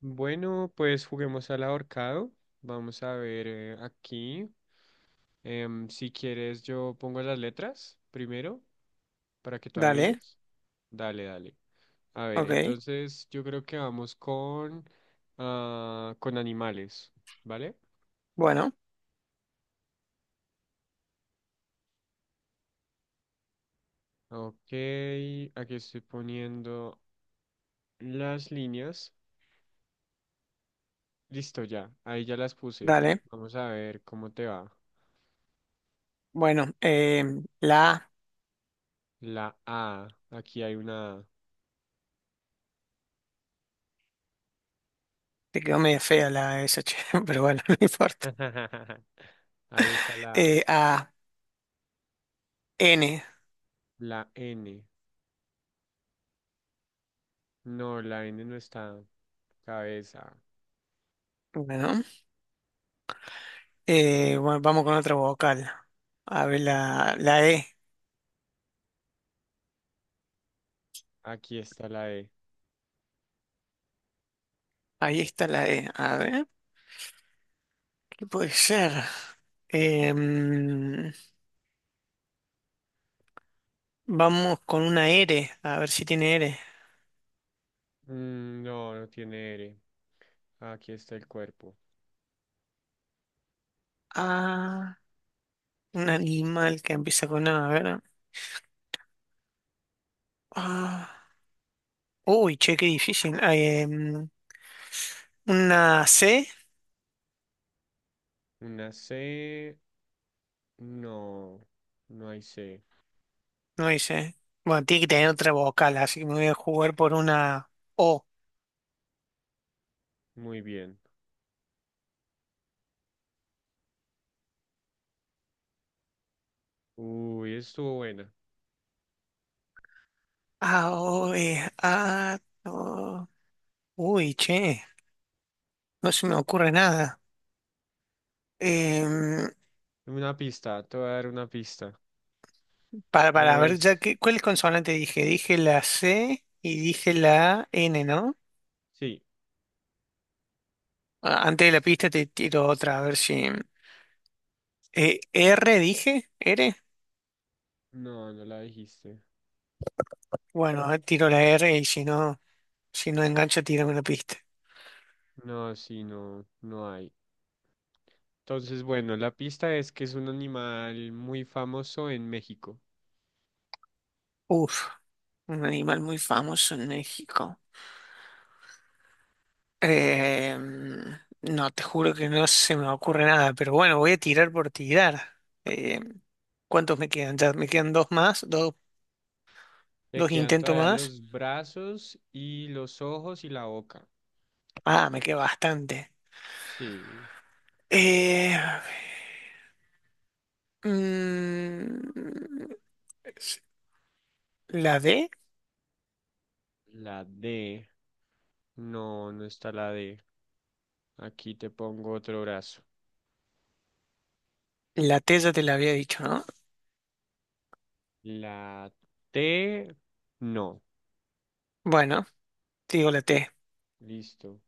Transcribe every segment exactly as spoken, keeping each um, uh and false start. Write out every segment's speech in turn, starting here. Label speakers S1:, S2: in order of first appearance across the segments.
S1: Bueno, pues juguemos al ahorcado. Vamos a ver eh, aquí. Em, si quieres, yo pongo las letras primero para que tú
S2: Dale,
S1: adivines. Dale, dale. A ver,
S2: ok.
S1: entonces yo creo que vamos con, ah, con animales, ¿vale?
S2: Bueno,
S1: Ok, aquí estoy poniendo las líneas. Listo, ya. Ahí ya las puse.
S2: dale.
S1: Vamos a ver cómo te va.
S2: Bueno, eh, la A,
S1: La A. Aquí hay una
S2: te quedó media fea la S, che, pero bueno, no importa.
S1: A. Ahí está la A.
S2: Eh, A, N.
S1: La N. No, la N no está. Cabeza.
S2: Bueno, eh, bueno, vamos con otra vocal. A ver, la, la E.
S1: Aquí está la E.
S2: Ahí está la E. A ver, ¿qué puede ser? Em, vamos con una R, a ver si tiene R.
S1: Mm, no, no tiene R. Aquí está el cuerpo.
S2: Ah, un animal que empieza con A, a ver. Ah, uy, che, qué difícil. Ah, em, una C.
S1: Una C. No, no hay C.
S2: No dice. Bueno, tiene que tener otra vocal, así que me voy a jugar por una O.
S1: Muy bien. Uy, estuvo buena.
S2: A, O, E, A, O. Uy, che, no se me ocurre nada. Em,
S1: Una pista, te voy a dar una pista.
S2: para, para, ver, ya
S1: Es...
S2: que, ¿cuál consonante dije? Dije la C y dije la N, ¿no?
S1: Sí.
S2: Ah, antes de la pista te tiro otra, a ver si... eh, ¿R dije? ¿R?
S1: No, no la dijiste.
S2: Bueno, a ver, tiro la R y si no, si no engancho, tírame la pista.
S1: No, sí, no, no hay. Entonces, bueno, la pista es que es un animal muy famoso en México.
S2: Uf, un animal muy famoso en México. Eh, no, te juro que no se me ocurre nada, pero bueno, voy a tirar por tirar. Eh, ¿cuántos me quedan? Ya me quedan dos más, dos,
S1: Le
S2: dos
S1: quedan
S2: intentos
S1: todavía
S2: más.
S1: los brazos y los ojos y la boca.
S2: Ah, me queda bastante.
S1: Sí,
S2: Eh, mm, la D,
S1: la D. No, no está la D. Aquí te pongo otro brazo.
S2: la T ya te la había dicho, ¿no?
S1: La T. No.
S2: Bueno, te digo la T.
S1: Listo.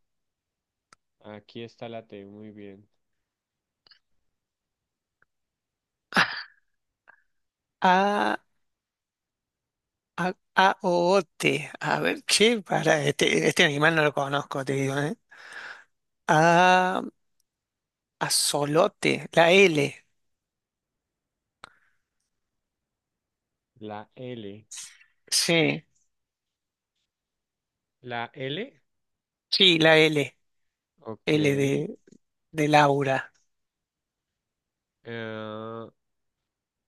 S1: Aquí está la T. Muy bien.
S2: A, A, A, O, O, T. A ver, che, para, este, este animal no lo conozco, te digo, ¿eh? A, azolote, la L.
S1: La L.
S2: Sí,
S1: La L.
S2: sí, la L,
S1: Ok.
S2: L
S1: Eh,
S2: de, de Laura.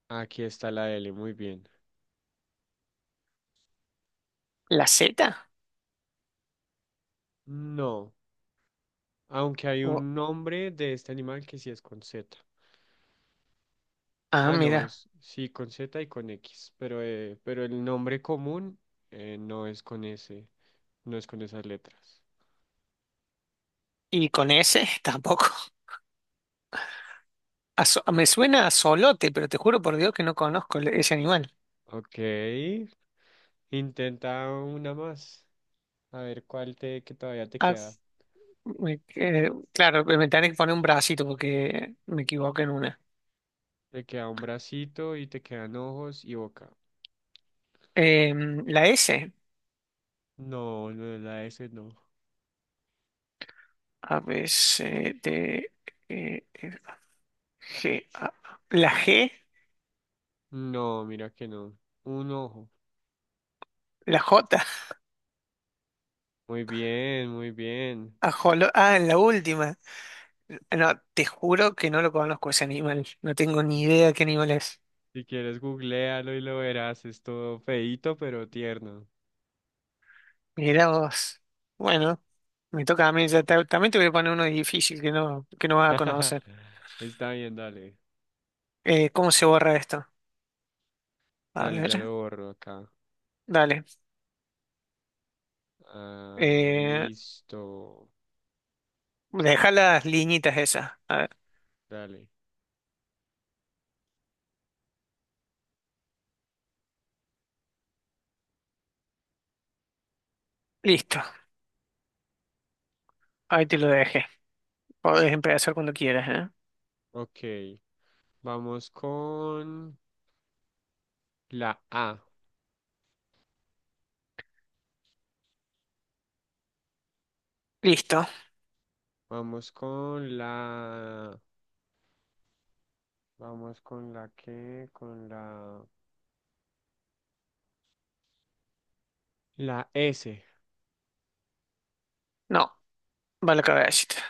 S1: Aquí está la L. Muy bien.
S2: ¿La Z?
S1: No. Aunque hay
S2: O-
S1: un nombre de este animal que sí es con Z.
S2: ah,
S1: Ah, no,
S2: mira.
S1: es sí con Z y con X, pero, eh, pero el nombre común eh, no es con ese, no es con esas letras.
S2: ¿Y con S? Tampoco. A so- me suena a solote, pero te juro por Dios que no conozco el- ese animal.
S1: Ok, intenta una más. A ver cuál te que todavía te
S2: Ah,
S1: queda.
S2: me- eh, claro, me tenés que poner un bracito porque me equivoqué en una.
S1: Te queda un bracito y te quedan ojos y boca.
S2: Em, la S.
S1: No, no es la S, no.
S2: A, B, C, D, E, F, G, A. La G,
S1: No, mira que no. Un ojo.
S2: la J.
S1: Muy bien, muy bien.
S2: ajolo- ah, en la última. No, te juro que no lo conozco ese animal. No tengo ni idea qué animal es.
S1: Si quieres, googlealo y lo verás. Es todo feíto, pero tierno.
S2: Mirá vos. Bueno, me toca a mí. Ya te- también te voy a poner uno difícil que no, que no vas a conocer.
S1: Está bien, dale.
S2: Eh, ¿cómo se borra esto? A
S1: Dale,
S2: ver,
S1: ya lo borro acá.
S2: dale.
S1: Ah,
S2: Eh,
S1: listo.
S2: deja las liñitas esas. A ver,
S1: Dale.
S2: listo. Ahí te lo dejé. Podés empezar cuando quieras, ¿eh?
S1: Ok. Vamos con la A.
S2: Listo.
S1: Vamos con la... Vamos con la que Con la... La S.
S2: No, va la cabecita.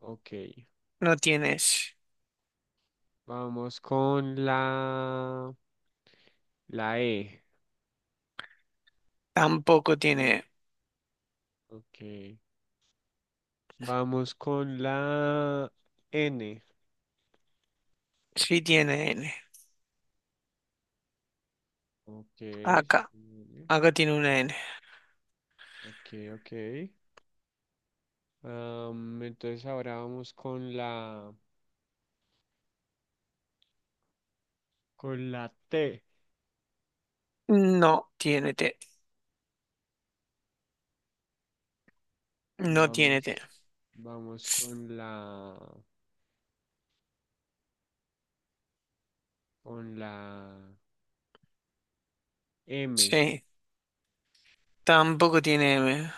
S1: Ok.
S2: No tienes.
S1: Vamos con la... La E.
S2: Tampoco tiene. E.
S1: Ok. Vamos con la N.
S2: Sí tiene N.
S1: Ok. Sí,
S2: Acá.
S1: tiene N.
S2: Acá tiene una N.
S1: Ok, ok. Am, entonces ahora vamos con la con la T.
S2: No tiene T. No tiene T.
S1: Vamos, vamos con la con la M.
S2: Sí, tampoco tiene M.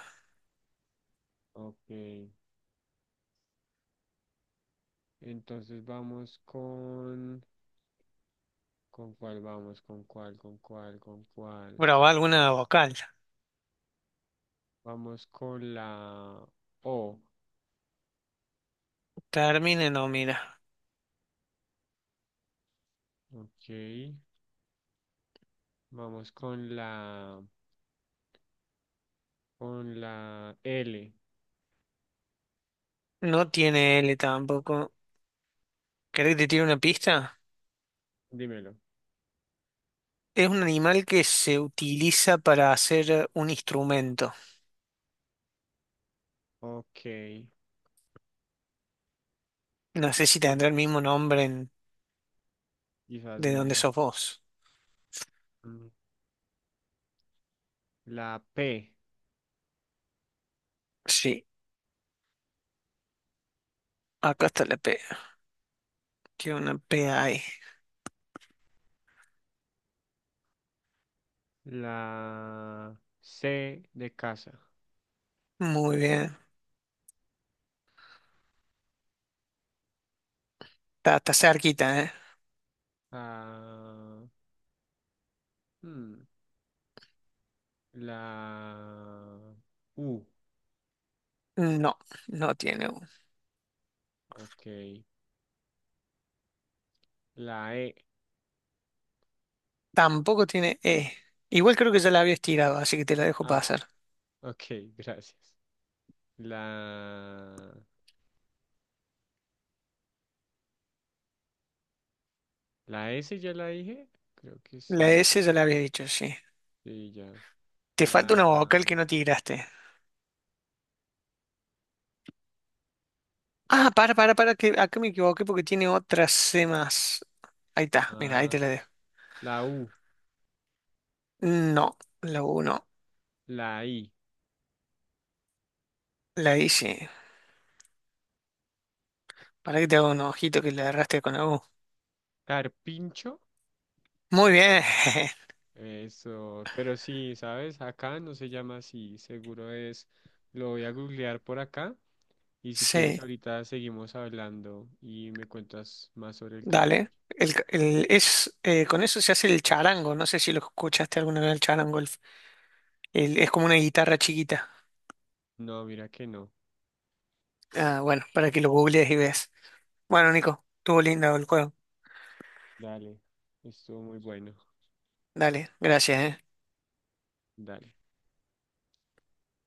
S1: Ok. Entonces vamos con con cuál vamos, con cuál, con cuál, con cuál.
S2: Bravo, alguna vocal.
S1: Vamos con la O.
S2: Termine, no, mira.
S1: Ok. Vamos con la con la L.
S2: No tiene L tampoco. ¿Querés que te tire una pista?
S1: Dímelo.
S2: Es un animal que se utiliza para hacer un instrumento.
S1: Ok.
S2: No sé si
S1: Uf,
S2: tendrá el mismo nombre en-
S1: quizás
S2: de donde
S1: no.
S2: sos vos.
S1: Mm, la P.
S2: Sí, acá está la P. Tiene una P ahí.
S1: La C de casa.
S2: Muy bien. Está, está cerquita, ¿eh?
S1: Ah, hmm, la U.
S2: No, no tiene U.
S1: Ok. La E.
S2: Tampoco tiene E. Igual creo que ya la había estirado, así que te la dejo
S1: Ah,
S2: pasar.
S1: ok, gracias. La, la S ya la dije. Creo que
S2: La
S1: sí.
S2: S ya la habías dicho, sí.
S1: Sí, ya.
S2: Te falta una vocal que
S1: La,
S2: no tiraste. Ah, para, para, para, que acá me equivoqué porque tiene otras C más. Ahí está, mira, ahí
S1: ah,
S2: te la dejo.
S1: la U.
S2: No, la U no.
S1: La I.
S2: La I sí. Para que te haga un ojito que le agarraste con la U.
S1: Carpincho.
S2: Muy bien.
S1: Eso. Pero sí, ¿sabes? Acá no se llama así. Seguro es. Lo voy a googlear por acá. Y si quieres,
S2: Sí,
S1: ahorita seguimos hablando y me cuentas más sobre el carpincho.
S2: dale. El, el- es, eh, con eso se hace el charango. No sé si lo escuchaste alguna vez el charango. el- el- es como una guitarra chiquita.
S1: No, mira que no.
S2: Ah, bueno, para que lo googlees y veas. Bueno, Nico, estuvo lindo el juego.
S1: Dale, estuvo muy bueno.
S2: Dale, gracias, eh.
S1: Dale.